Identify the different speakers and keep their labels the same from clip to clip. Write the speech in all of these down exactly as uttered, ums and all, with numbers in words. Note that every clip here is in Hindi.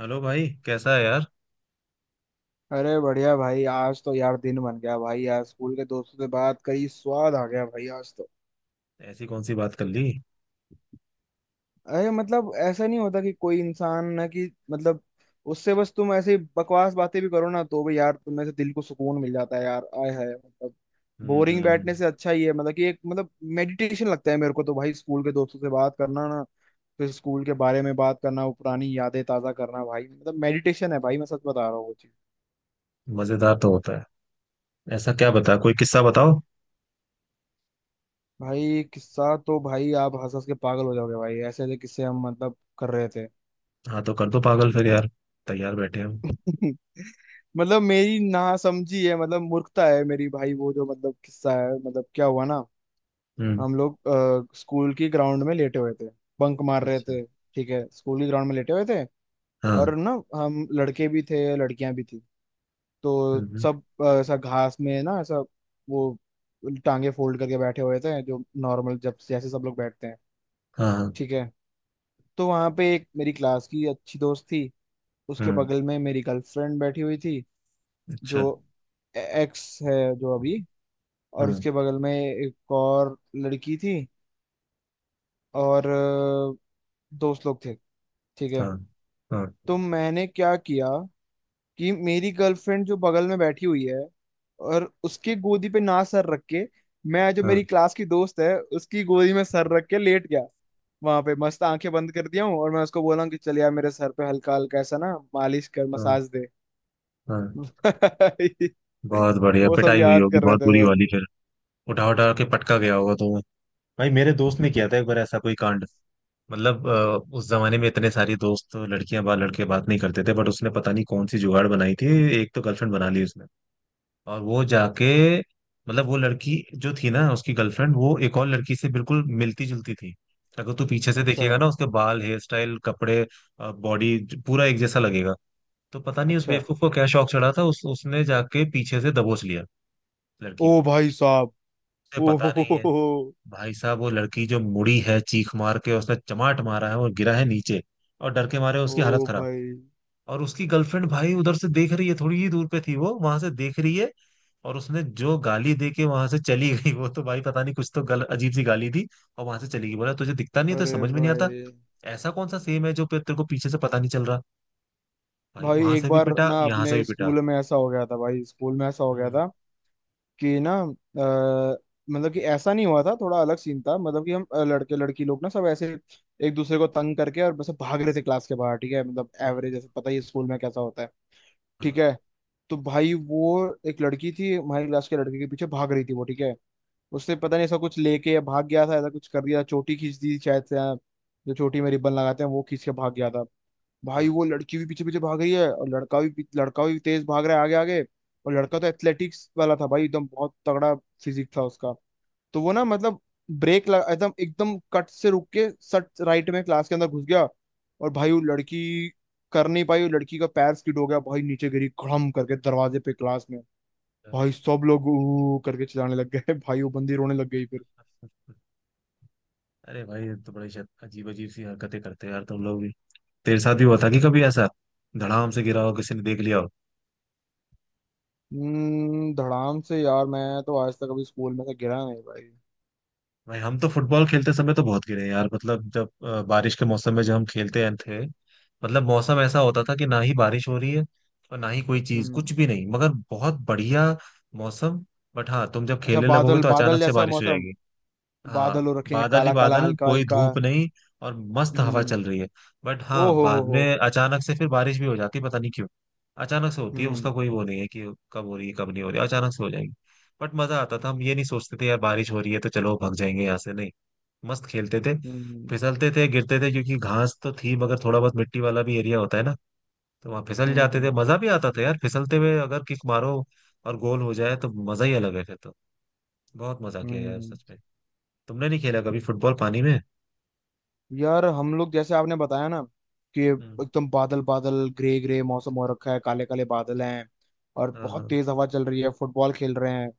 Speaker 1: हेलो भाई कैसा है यार।
Speaker 2: अरे बढ़िया भाई। आज तो यार दिन बन गया भाई। यार स्कूल के दोस्तों से बात करी, स्वाद आ गया भाई आज तो।
Speaker 1: ऐसी कौन सी बात कर ली?
Speaker 2: अरे मतलब ऐसा नहीं होता कि कोई इंसान ना कि मतलब, उससे बस तुम ऐसे ही बकवास बातें भी करो ना तो भी यार, तुम्हें से दिल को सुकून मिल जाता है यार। आय हाय मतलब।
Speaker 1: हम्म
Speaker 2: बोरिंग
Speaker 1: हम्म हम्म।
Speaker 2: बैठने से अच्छा ही है। मतलब कि एक मतलब मेडिटेशन लगता है मेरे को तो भाई, स्कूल के दोस्तों से बात करना ना, फिर स्कूल के बारे में बात करना, वो पुरानी यादें ताजा करना भाई, मतलब मेडिटेशन है भाई। मैं सच बता रहा हूँ।
Speaker 1: मजेदार तो होता है। ऐसा क्या, बता कोई किस्सा बताओ।
Speaker 2: भाई किस्सा तो भाई आप हंस हंस के पागल हो जाओगे भाई। ऐसे ऐसे किस्से हम मतलब कर रहे थे।
Speaker 1: हाँ तो कर दो पागल फिर यार। तैयार बैठे हम।
Speaker 2: मतलब मेरी ना समझी है, मतलब मूर्खता है मेरी भाई। वो जो मतलब किस्सा है मतलब, क्या हुआ ना।
Speaker 1: हम्म।
Speaker 2: हम लोग अ, स्कूल की ग्राउंड में लेटे हुए थे। बंक मार रहे
Speaker 1: अच्छा।
Speaker 2: थे। ठीक है, स्कूल की ग्राउंड में लेटे हुए थे। और
Speaker 1: हाँ।
Speaker 2: ना, हम लड़के भी थे, लड़कियां भी थी। तो
Speaker 1: हम्म हम्म,
Speaker 2: सब अ, ऐसा घास में ना ऐसा। वो टांगे फोल्ड करके बैठे हुए थे जो। नॉर्मल जब जैसे सब लोग बैठते हैं।
Speaker 1: हाँ हाँ,
Speaker 2: ठीक है। तो वहां पे एक मेरी क्लास की अच्छी दोस्त थी। उसके
Speaker 1: हम्म।
Speaker 2: बगल में मेरी गर्लफ्रेंड बैठी हुई थी। जो
Speaker 1: अच्छा।
Speaker 2: एक्स है जो अभी। और
Speaker 1: हम्म।
Speaker 2: उसके बगल में एक और लड़की थी। और अ, दोस्त लोग थे। ठीक है।
Speaker 1: हाँ हाँ
Speaker 2: तो मैंने क्या किया कि मेरी गर्लफ्रेंड जो बगल में बैठी हुई है, और उसके गोदी पे ना सर रख के, मैं जो
Speaker 1: हाँ
Speaker 2: मेरी क्लास की दोस्त है उसकी गोदी में सर रख के लेट गया। वहां पे मस्त आंखें बंद कर दिया हूँ, और मैं उसको बोला हूँ कि चल यार मेरे सर पे हल्का हल्का ऐसा ना मालिश कर
Speaker 1: हाँ
Speaker 2: मसाज दे।
Speaker 1: हाँ।
Speaker 2: भाई
Speaker 1: बहुत बढ़िया
Speaker 2: वो सब
Speaker 1: पिटाई हुई
Speaker 2: याद
Speaker 1: होगी,
Speaker 2: कर रहे
Speaker 1: बहुत
Speaker 2: थे
Speaker 1: बुरी वाली
Speaker 2: भाई।
Speaker 1: फिर। उठा उठा के पटका गया होगा तो। भाई मेरे दोस्त ने किया था एक बार ऐसा कोई कांड। मतलब अ, उस जमाने में इतने सारे दोस्त लड़कियां बात लड़के बात नहीं करते थे, बट उसने पता नहीं कौन सी जुगाड़ बनाई थी। एक तो गर्लफ्रेंड बना ली उसने, और वो जाके मतलब वो लड़की जो थी ना उसकी गर्लफ्रेंड, वो एक और लड़की से बिल्कुल मिलती जुलती थी। अगर तू पीछे से
Speaker 2: अच्छा,
Speaker 1: देखेगा ना, उसके बाल, हेयर स्टाइल, कपड़े, बॉडी, पूरा एक जैसा लगेगा। तो पता नहीं उस
Speaker 2: अच्छा।
Speaker 1: बेवकूफ को क्या शौक चढ़ा था, उस उसने जाके पीछे से दबोच लिया
Speaker 2: ओ
Speaker 1: लड़की को।
Speaker 2: भाई साहब।
Speaker 1: उसे
Speaker 2: ओ
Speaker 1: पता
Speaker 2: हो हो
Speaker 1: नहीं
Speaker 2: हो,
Speaker 1: है।
Speaker 2: हो,
Speaker 1: भाई साहब वो लड़की जो मुड़ी है चीख मार के, उसने चमाट मारा है और गिरा है नीचे। और डर के मारे
Speaker 2: ओ
Speaker 1: उसकी हालत खराब।
Speaker 2: भाई।
Speaker 1: और उसकी गर्लफ्रेंड भाई उधर से देख रही है, थोड़ी ही दूर पे थी वो, वहां से देख रही है। और उसने जो गाली दे के वहां से चली गई वो, तो भाई पता नहीं कुछ तो गल अजीब सी गाली दी। और वहां से चली गई, बोला तुझे दिखता नहीं है, तो
Speaker 2: अरे
Speaker 1: समझ में नहीं आता।
Speaker 2: भाई।
Speaker 1: ऐसा कौन सा सेम है जो पे- तेरे को पीछे से पता नहीं चल रहा? भाई
Speaker 2: भाई
Speaker 1: वहां
Speaker 2: एक
Speaker 1: से भी
Speaker 2: बार
Speaker 1: पिटा,
Speaker 2: ना
Speaker 1: यहाँ से
Speaker 2: अपने
Speaker 1: भी पिटा।
Speaker 2: स्कूल में ऐसा हो गया था भाई, स्कूल में ऐसा हो गया
Speaker 1: हम्म।
Speaker 2: था। कि ना अ, मतलब कि ऐसा नहीं हुआ था, थोड़ा अलग सीन था। मतलब कि हम अ, लड़के लड़की लोग ना सब ऐसे। एक दूसरे को तंग करके और बस भाग रहे थे क्लास के बाहर। ठीक है, मतलब
Speaker 1: हाँ,
Speaker 2: एवरेज ऐसे पता ही है स्कूल में कैसा होता है।
Speaker 1: हाँ,
Speaker 2: ठीक है। तो भाई वो एक लड़की थी हमारी क्लास के लड़के के पीछे भाग रही थी वो, ठीक है। उसने पता नहीं ऐसा कुछ लेके या भाग गया था, ऐसा कुछ कर दिया, चोटी खींच दी शायद से हाँ, जो चोटी में रिबन लगाते हैं वो खींच के भाग गया था।
Speaker 1: हाँ,
Speaker 2: भाई वो लड़की भी पीछे पीछे भाग रही है, और लड़का भी पी- लड़का भी तेज भाग रहा है आगे आगे। और लड़का
Speaker 1: हाँ,
Speaker 2: तो एथलेटिक्स वाला था भाई, एकदम बहुत तगड़ा फिजिक था उसका। तो वो ना मतलब ब्रेक लगा, एकदम एकदम कट से रुक के सट राइट में क्लास के अंदर घुस गया। और भाई वो लड़की कर नहीं पाई, वो लड़की का पैर स्किड हो गया भाई, नीचे गिरी खड़म करके दरवाजे पे क्लास में।
Speaker 1: हाँ।
Speaker 2: भाई सब लोग ऊ करके चिल्लाने लग गए भाई वो बंदी रोने लग गई फिर।
Speaker 1: अरे भाई ये तो बड़ी शायद अजीब अजीब सी हरकतें करते हैं यार तुम लोग भी। तेरे साथ भी हुआ था कि कभी ऐसा धड़ाम से गिरा हो, किसी ने देख लिया हो?
Speaker 2: हम्म धड़ाम से यार। मैं तो आज तक अभी स्कूल में से गिरा नहीं भाई।
Speaker 1: भाई हम तो फुटबॉल खेलते समय तो बहुत गिरे हैं यार। मतलब जब अ, बारिश के मौसम में जब हम खेलते हैं थे, मतलब मौसम ऐसा होता था कि ना ही बारिश हो रही है और ना ही कोई चीज,
Speaker 2: हम्म।
Speaker 1: कुछ भी नहीं, मगर बहुत बढ़िया मौसम। बट हाँ, तुम जब
Speaker 2: अच्छा,
Speaker 1: खेलने लगोगे
Speaker 2: बादल
Speaker 1: तो
Speaker 2: बादल
Speaker 1: अचानक से
Speaker 2: जैसा
Speaker 1: बारिश हो
Speaker 2: मौसम।
Speaker 1: जाएगी।
Speaker 2: बादल
Speaker 1: हाँ,
Speaker 2: हो रखे हैं,
Speaker 1: बादल ही
Speaker 2: काला काला
Speaker 1: बादल,
Speaker 2: हल्का
Speaker 1: कोई
Speaker 2: हल्का।
Speaker 1: धूप नहीं। और मस्त हवा
Speaker 2: हम्म।
Speaker 1: चल रही है। बट
Speaker 2: ओ
Speaker 1: हाँ,
Speaker 2: हो हो
Speaker 1: बाद
Speaker 2: हो।
Speaker 1: में अचानक से फिर बारिश भी हो जाती है, पता नहीं क्यों। अचानक से होती है, उसका
Speaker 2: हम्म,
Speaker 1: कोई वो नहीं है कि कब हो रही है कब नहीं हो रही है, अचानक से हो जाएगी। बट मजा आता था। हम ये नहीं सोचते थे यार, बारिश हो रही है तो चलो भाग जाएंगे यहाँ से, नहीं, मस्त खेलते थे।
Speaker 2: हम्म,
Speaker 1: फिसलते थे गिरते थे, क्योंकि घास तो थी मगर थोड़ा बहुत मिट्टी वाला भी एरिया होता है ना, तो वहाँ फिसल जाते
Speaker 2: हम्म,
Speaker 1: थे। मजा भी आता था यार, फिसलते हुए अगर किक मारो और गोल हो जाए तो मजा ही अलग है फिर तो। बहुत मजा किया यार
Speaker 2: हम्म।
Speaker 1: सच में। तुमने नहीं खेला कभी फुटबॉल पानी में?
Speaker 2: यार हम लोग जैसे आपने बताया ना, कि
Speaker 1: हम्म,
Speaker 2: एकदम बादल बादल ग्रे ग्रे मौसम हो रखा है, काले काले बादल हैं। और
Speaker 1: हाँ
Speaker 2: बहुत
Speaker 1: हाँ।
Speaker 2: तेज हवा चल रही है, फुटबॉल खेल रहे हैं।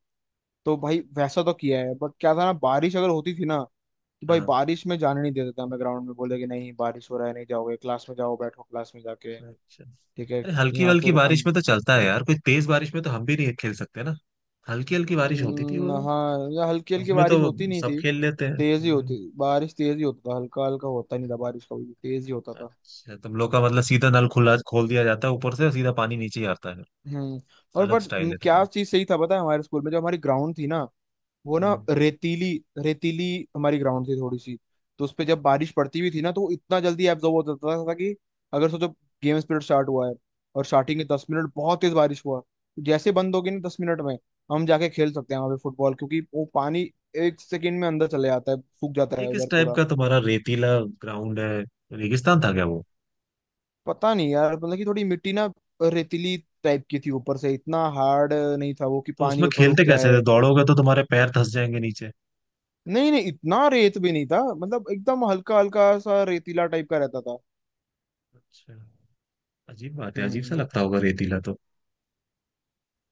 Speaker 2: तो भाई वैसा तो किया है, बट क्या था ना, बारिश अगर होती थी ना। तो भाई
Speaker 1: हाँ।
Speaker 2: बारिश में जाने नहीं देते थे हमें ग्राउंड में, बोले कि नहीं, बारिश हो रहा है, नहीं जाओगे, क्लास में जाओ, बैठो क्लास में जाके।
Speaker 1: अच्छा।
Speaker 2: ठीक है।
Speaker 1: अरे हल्की
Speaker 2: यहाँ
Speaker 1: हल्की
Speaker 2: फिर
Speaker 1: बारिश
Speaker 2: अं-
Speaker 1: में तो चलता है यार कोई, तेज बारिश में तो हम भी नहीं खेल सकते ना। हल्की हल्की बारिश होती थी
Speaker 2: हम्म,
Speaker 1: वो।
Speaker 2: हाँ, या हल्की हल्की
Speaker 1: उसमें तो
Speaker 2: बारिश होती नहीं
Speaker 1: सब
Speaker 2: थी।
Speaker 1: खेल लेते हैं।
Speaker 2: तेज ही
Speaker 1: हम्म।
Speaker 2: होती बारिश, तेज ही होता था, हल्का हल्का होता नहीं था बारिश, कभी भी तेज ही होता था।
Speaker 1: अच्छा, तुम लोग का मतलब सीधा नल खुला खोल दिया जाता है ऊपर से, और सीधा पानी नीचे ही आता है?
Speaker 2: हम्म। और
Speaker 1: अलग
Speaker 2: बट
Speaker 1: स्टाइल
Speaker 2: हम्म,
Speaker 1: है
Speaker 2: क्या
Speaker 1: थोड़ा।
Speaker 2: चीज सही था पता है, हमारे स्कूल में जो हमारी ग्राउंड थी ना। वो ना
Speaker 1: हम्म।
Speaker 2: रेतीली रेतीली हमारी ग्राउंड थी थोड़ी सी। तो उस पे जब बारिश पड़ती भी थी ना, तो वो इतना जल्दी एब्जॉर्ब हो जाता था कि, अगर सोचो, गेम पीरियड स्टार्ट हुआ है, और स्टार्टिंग के दस मिनट बहुत तेज बारिश हुआ, जैसे बंद होगी ना दस मिनट में, हम जाके खेल सकते हैं वहां पे फुटबॉल, क्योंकि वो पानी एक सेकेंड में अंदर चले जाता है, सूख जाता
Speaker 1: ये
Speaker 2: है
Speaker 1: किस
Speaker 2: उधर
Speaker 1: टाइप
Speaker 2: पूरा।
Speaker 1: का तुम्हारा रेतीला ग्राउंड है? रेगिस्तान था क्या वो?
Speaker 2: पता नहीं यार, मतलब कि थोड़ी मिट्टी ना रेतीली टाइप की थी, ऊपर से इतना हार्ड नहीं था वो कि
Speaker 1: तो
Speaker 2: पानी
Speaker 1: उसमें
Speaker 2: ऊपर रुक
Speaker 1: खेलते कैसे थे?
Speaker 2: जाए।
Speaker 1: दौड़ोगे तो तुम्हारे पैर धंस जाएंगे नीचे।
Speaker 2: नहीं नहीं, इतना रेत भी नहीं था, मतलब एकदम हल्का हल्का सा रेतीला टाइप का रहता था।
Speaker 1: अच्छा। अजीब बात है, अजीब सा
Speaker 2: हम्म,
Speaker 1: लगता होगा रेतीला तो।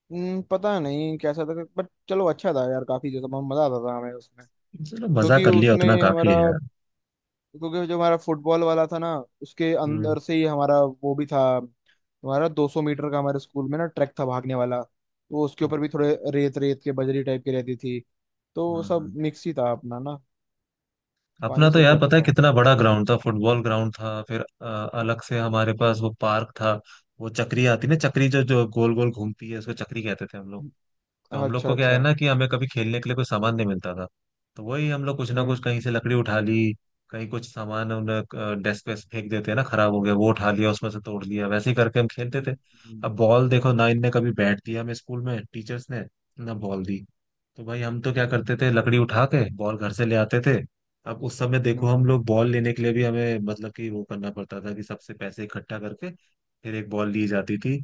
Speaker 2: हम्म, पता नहीं कैसा था, बट चलो अच्छा था यार, काफी जैसा बहुत मजा आता था हमें उसमें।
Speaker 1: चलो, मजा
Speaker 2: क्योंकि
Speaker 1: कर लिया उतना
Speaker 2: उसमें
Speaker 1: काफी
Speaker 2: हमारा,
Speaker 1: है यार।
Speaker 2: क्योंकि जो हमारा फुटबॉल वाला था ना, उसके
Speaker 1: हम्म।
Speaker 2: अंदर से ही हमारा वो भी था, हमारा दो सौ मीटर का हमारे स्कूल में ना ट्रैक था भागने वाला, तो उसके ऊपर भी
Speaker 1: अच्छा,
Speaker 2: थोड़े रेत रेत के बजरी टाइप की रहती थी। तो वो
Speaker 1: हाँ
Speaker 2: सब
Speaker 1: हाँ।
Speaker 2: मिक्स ही था अपना ना।
Speaker 1: अपना
Speaker 2: पानी
Speaker 1: तो
Speaker 2: सूख
Speaker 1: यार
Speaker 2: जाता
Speaker 1: पता है
Speaker 2: था।
Speaker 1: कितना बड़ा ग्राउंड था, फुटबॉल ग्राउंड था फिर अ, अलग से हमारे पास वो पार्क था। वो चक्री आती ना, चक्री जो जो गोल गोल घूमती है, उसको चक्री कहते थे हम लोग। तो हम लोग
Speaker 2: अच्छा,
Speaker 1: को क्या है
Speaker 2: अच्छा।
Speaker 1: ना, कि हमें कभी खेलने के लिए कोई सामान नहीं मिलता था। तो वही हम लोग कुछ ना कुछ, कहीं
Speaker 2: हम्म,
Speaker 1: से लकड़ी उठा ली, कहीं कुछ सामान उन्हें डेस्क पे फेंक देते हैं ना खराब हो गया वो, उठा लिया उसमें से तोड़ लिया, वैसे ही करके हम खेलते थे।
Speaker 2: हम्म, हम्म,
Speaker 1: अब बॉल देखो ना, इनने कभी बैट दिया हमें स्कूल में टीचर्स ने? ना बॉल दी। तो भाई हम तो क्या करते थे, लकड़ी उठा के बॉल घर से ले आते थे। अब उस समय देखो, हम
Speaker 2: हम्म,
Speaker 1: लोग बॉल लेने के लिए भी हमें मतलब कि वो करना पड़ता था कि सबसे पैसे इकट्ठा करके फिर एक बॉल ली जाती थी।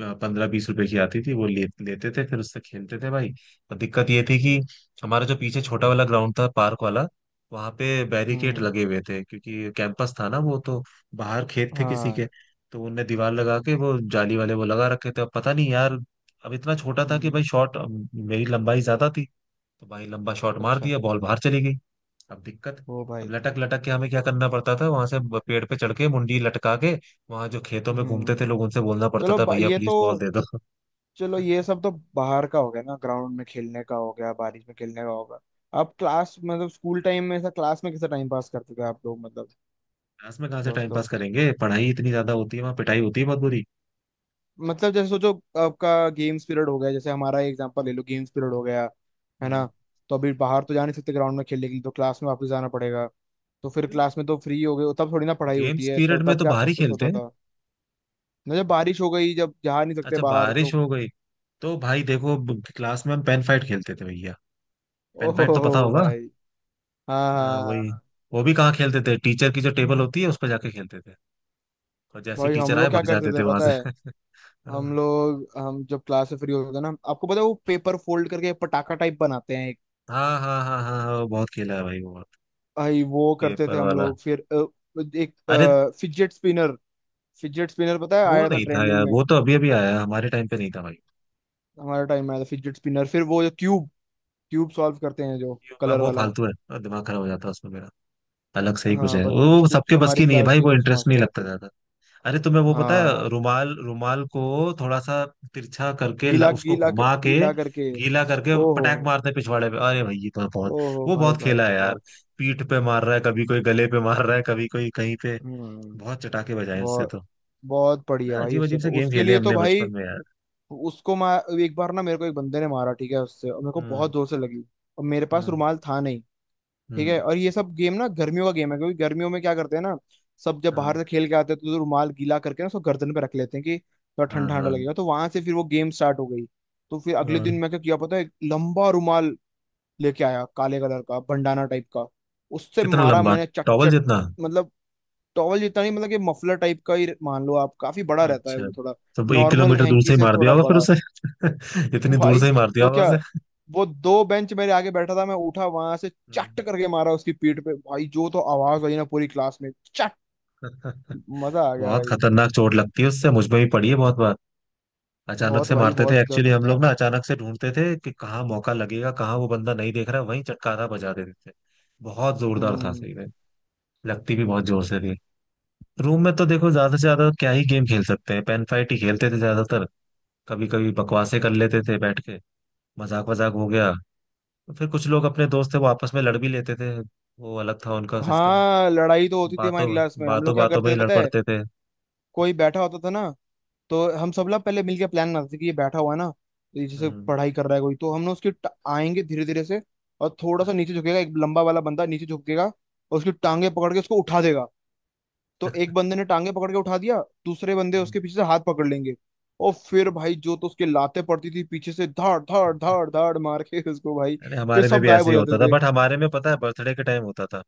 Speaker 1: पंद्रह बीस रुपए की आती थी, वो ले, लेते थे, फिर उससे खेलते थे भाई। और दिक्कत ये थी कि हमारा जो पीछे छोटा वाला ग्राउंड था, पार्क वाला, वहां पे बैरिकेड
Speaker 2: हम्म,
Speaker 1: लगे हुए थे क्योंकि कैंपस था ना वो तो, बाहर खेत थे किसी
Speaker 2: हाँ,
Speaker 1: के। तो उनने दीवार लगा के वो जाली वाले वो लगा रखे थे, अब पता नहीं यार। अब इतना छोटा था कि
Speaker 2: हम्म,
Speaker 1: भाई शॉट, मेरी लंबाई ज्यादा थी, तो भाई लंबा शॉट मार
Speaker 2: अच्छा,
Speaker 1: दिया, बॉल बाहर चली गई। अब दिक्कत,
Speaker 2: ओ
Speaker 1: अब
Speaker 2: भाई।
Speaker 1: लटक लटक के हमें क्या करना पड़ता था वहां से, ब- पेड़ पे चढ़ के मुंडी लटका के वहां जो खेतों में घूमते
Speaker 2: हम्म।
Speaker 1: थे लोग उनसे बोलना पड़ता
Speaker 2: चलो
Speaker 1: था,
Speaker 2: ब-
Speaker 1: भैया
Speaker 2: ये तो।
Speaker 1: प्लीज बॉल दे दो।
Speaker 2: चलो ये सब तो बाहर का हो गया ना, ग्राउंड में खेलने का हो गया, बारिश में खेलने का होगा। आप क्लास मतलब स्कूल टाइम में ऐसा क्लास में कैसा टाइम पास करते थे आप लोग, मतलब
Speaker 1: क्लास में कहाँ से
Speaker 2: दोस्त
Speaker 1: टाइम
Speaker 2: लोग।
Speaker 1: पास करेंगे, पढ़ाई इतनी ज्यादा होती है, वहां पिटाई होती है बहुत बुरी।
Speaker 2: मतलब जैसे सोचो आपका गेम्स पीरियड हो गया, जैसे हमारा एग्जांपल ले लो, गेम्स पीरियड हो गया। है ना।
Speaker 1: हाँ।
Speaker 2: तो अभी बाहर तो जा नहीं सकते ग्राउंड में खेलने के लिए, तो क्लास में वापस जाना पड़ेगा। तो फिर क्लास में तो फ्री हो गए, तब थोड़ी ना पढ़ाई होती
Speaker 1: गेम्स
Speaker 2: है, तो
Speaker 1: पीरियड में
Speaker 2: तब
Speaker 1: तो
Speaker 2: क्या
Speaker 1: बाहर ही
Speaker 2: कुछ
Speaker 1: खेलते
Speaker 2: होता
Speaker 1: हैं।
Speaker 2: था। ना जब बारिश हो गई, जब जा नहीं सकते
Speaker 1: अच्छा
Speaker 2: बाहर
Speaker 1: बारिश
Speaker 2: तो।
Speaker 1: हो गई, तो भाई देखो ब- क्लास में हम पेन फाइट खेलते थे भैया। पेन
Speaker 2: ओहो
Speaker 1: फाइट तो पता होगा।
Speaker 2: भाई। हाँ
Speaker 1: हाँ,
Speaker 2: हाँ हाँ
Speaker 1: वही।
Speaker 2: हाँ।
Speaker 1: वो भी कहाँ खेलते थे, टीचर की जो टेबल होती है उस पर जाके खेलते थे, और जैसे ही
Speaker 2: भाई हम
Speaker 1: टीचर आए
Speaker 2: लोग क्या
Speaker 1: भग
Speaker 2: करते
Speaker 1: जाते थे
Speaker 2: थे
Speaker 1: वहां
Speaker 2: पता है।
Speaker 1: से।
Speaker 2: हम लोग हम जब क्लास से फ्री होते थे ना, आपको पता है वो पेपर फोल्ड करके पटाखा टाइप बनाते हैं एक।
Speaker 1: हाँ हाँ हाँ हाँ हाँ, वो बहुत खेला है भाई वो,
Speaker 2: भाई वो करते थे
Speaker 1: पेपर
Speaker 2: हम
Speaker 1: वाला।
Speaker 2: लोग। फिर अ, एक
Speaker 1: अरे
Speaker 2: फिजेट स्पिनर। फिजेट स्पिनर पता है
Speaker 1: वो
Speaker 2: आया था
Speaker 1: नहीं था
Speaker 2: ट्रेंडिंग
Speaker 1: यार,
Speaker 2: में।
Speaker 1: वो तो अभी अभी आया है, हमारे टाइम पे नहीं था भाई।
Speaker 2: हमारे टाइम में आया था फिजेट स्पिनर। फिर वो जो क्यूब, क्यूब सॉल्व करते हैं जो
Speaker 1: ये-
Speaker 2: कलर
Speaker 1: वो
Speaker 2: वाला।
Speaker 1: फालतू है और दिमाग खराब हो जाता है उसमें मेरा। अलग से ही कुछ
Speaker 2: हाँ
Speaker 1: है
Speaker 2: पर कुछ
Speaker 1: वो,
Speaker 2: कुछ
Speaker 1: सबके बस
Speaker 2: हमारी
Speaker 1: की नहीं है
Speaker 2: क्लास
Speaker 1: भाई
Speaker 2: के
Speaker 1: वो,
Speaker 2: दोस्त
Speaker 1: इंटरेस्ट नहीं
Speaker 2: मास्टर
Speaker 1: लगता
Speaker 2: थे।
Speaker 1: ज्यादा। अरे तुम्हें वो पता है
Speaker 2: हाँ।
Speaker 1: रुमाल, रुमाल को थोड़ा सा तिरछा करके ल-
Speaker 2: गीला
Speaker 1: उसको
Speaker 2: गीला
Speaker 1: घुमा के
Speaker 2: गीला करके।
Speaker 1: गीला करके
Speaker 2: ओहो।
Speaker 1: पटाक मारते हैं पिछवाड़े पे। अरे भाई ये तो बहुत,
Speaker 2: ओहो
Speaker 1: वो
Speaker 2: भाई
Speaker 1: बहुत
Speaker 2: भाई
Speaker 1: खेला है यार।
Speaker 2: बहुत।
Speaker 1: पीठ पे मार रहा है कभी कोई, गले पे मार रहा है कभी कोई कहीं पे,
Speaker 2: हम्म।
Speaker 1: बहुत चटाके बजाए उससे
Speaker 2: बहुत
Speaker 1: तो।
Speaker 2: बहुत पड़ी है भाई
Speaker 1: अजीब
Speaker 2: उससे
Speaker 1: अजीब
Speaker 2: तो,
Speaker 1: से गेम
Speaker 2: उसके
Speaker 1: खेले
Speaker 2: लिए तो
Speaker 1: हमने
Speaker 2: भाई।
Speaker 1: बचपन में यार।
Speaker 2: उसको मैं एक बार ना मेरे को एक बंदे ने मारा ठीक है उससे, और मेरे को
Speaker 1: हम्म।
Speaker 2: बहुत जोर से लगी। और मेरे पास
Speaker 1: हम्म।
Speaker 2: रुमाल था नहीं। ठीक
Speaker 1: हम्म।
Speaker 2: है, और ये सब गेम ना गर्मियों का गेम है, क्योंकि गर्मियों में क्या करते हैं ना। सब जब बाहर से खेल के आते हैं तो रुमाल गीला करके ना उसको गर्दन पे रख लेते हैं कि थोड़ा
Speaker 1: हाँ
Speaker 2: ठंडा
Speaker 1: हाँ
Speaker 2: ठंडा लगेगा, तो वहां से फिर वो गेम स्टार्ट हो गई। तो फिर
Speaker 1: हाँ
Speaker 2: अगले दिन
Speaker 1: हाँ।
Speaker 2: मैं क्या किया पता है, एक लंबा रुमाल लेके आया काले कलर का भंडाना टाइप का। उससे
Speaker 1: कितना
Speaker 2: मारा
Speaker 1: लंबा,
Speaker 2: मैंने चट
Speaker 1: टॉवल
Speaker 2: चट।
Speaker 1: जितना?
Speaker 2: मतलब टॉवल जितना नहीं, मतलब कि मफलर टाइप का ही मान लो आप, काफी बड़ा रहता है
Speaker 1: अच्छा,
Speaker 2: वो थोड़ा,
Speaker 1: तो वो एक
Speaker 2: नॉर्मल
Speaker 1: किलोमीटर दूर से
Speaker 2: हैंकी
Speaker 1: ही
Speaker 2: से
Speaker 1: मार दिया
Speaker 2: थोड़ा
Speaker 1: होगा फिर
Speaker 2: बड़ा।
Speaker 1: उसे इतनी दूर
Speaker 2: भाई
Speaker 1: से ही मार दिया
Speaker 2: तो
Speaker 1: होगा
Speaker 2: क्या।
Speaker 1: उसे
Speaker 2: वो दो बेंच मेरे आगे बैठा था, मैं उठा वहां से
Speaker 1: हम्म।
Speaker 2: चट करके मारा उसकी पीठ पे भाई, जो तो आवाज आई ना पूरी क्लास में। चट। मजा आ गया
Speaker 1: बहुत
Speaker 2: भाई।
Speaker 1: खतरनाक चोट लगती है उससे, मुझ में भी पड़ी है बहुत बार। अचानक
Speaker 2: बहुत
Speaker 1: से
Speaker 2: भाई,
Speaker 1: मारते थे
Speaker 2: बहुत दर्द
Speaker 1: एक्चुअली हम
Speaker 2: होता
Speaker 1: लोग
Speaker 2: है।
Speaker 1: ना, अचानक से ढूंढते थे कि कहाँ मौका लगेगा, कहाँ वो बंदा नहीं देख रहा वहीं चटकारा बजा देते थे। बहुत जोरदार था
Speaker 2: हम्म।
Speaker 1: सही में। लगती भी बहुत जोर से थी। रूम में तो देखो ज्यादा से ज्यादा क्या ही गेम खेल सकते हैं, पेन फाइट ही खेलते थे ज्यादातर। कभी कभी बकवासें कर लेते थे बैठ के, मजाक वजाक हो गया। फिर कुछ लोग अपने दोस्त थे वो आपस में लड़ भी लेते थे, वो अलग था उनका सिस्टम।
Speaker 2: हाँ, लड़ाई तो होती थी हमारी
Speaker 1: बातों
Speaker 2: क्लास में। हम लोग
Speaker 1: बातों
Speaker 2: क्या
Speaker 1: बातों में
Speaker 2: करते थे
Speaker 1: ही लड़
Speaker 2: पता है।
Speaker 1: पड़ते थे।
Speaker 2: कोई बैठा होता था ना, तो हम सब लोग पहले मिलके प्लान बनाते थे कि ये बैठा हुआ है ना, तो ये जैसे
Speaker 1: हम्म।
Speaker 2: पढ़ाई कर रहा है कोई, तो हम ना उसके ट- आएंगे धीरे धीरे से। और थोड़ा सा
Speaker 1: हाँ,
Speaker 2: नीचे झुकेगा एक लंबा वाला बंदा नीचे झुकेगा, और उसकी
Speaker 1: हाँ।
Speaker 2: टांगे पकड़ के उसको उठा देगा। तो एक बंदे ने टांगे पकड़ के उठा दिया। दूसरे बंदे उसके
Speaker 1: हम्म।
Speaker 2: पीछे से हाथ पकड़ लेंगे। और फिर भाई जो तो उसके लाते पड़ती थी पीछे से धाड़ धाड़ धाड़ धाड़ मार के उसको भाई।
Speaker 1: अरे
Speaker 2: फिर
Speaker 1: हमारे में
Speaker 2: सब
Speaker 1: भी
Speaker 2: गायब
Speaker 1: ऐसे
Speaker 2: हो
Speaker 1: ही
Speaker 2: जाते
Speaker 1: होता था,
Speaker 2: थे।
Speaker 1: बट हमारे में पता है बर्थडे के टाइम होता था।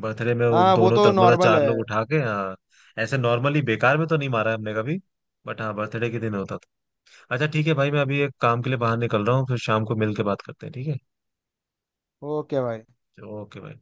Speaker 1: बर्थडे में वो
Speaker 2: हाँ, वो
Speaker 1: दोनों
Speaker 2: तो
Speaker 1: तरफ मतलब
Speaker 2: नॉर्मल
Speaker 1: चार
Speaker 2: है।
Speaker 1: लोग उठा के, हाँ। ऐसे नॉर्मली बेकार में तो नहीं मारा है हमने कभी, बट हाँ बर्थडे के दिन होता था। अच्छा ठीक है भाई, मैं अभी एक काम के लिए बाहर निकल रहा हूँ, फिर शाम को मिल के बात करते हैं, ठीक
Speaker 2: ओके भाई।
Speaker 1: है, ओके भाई।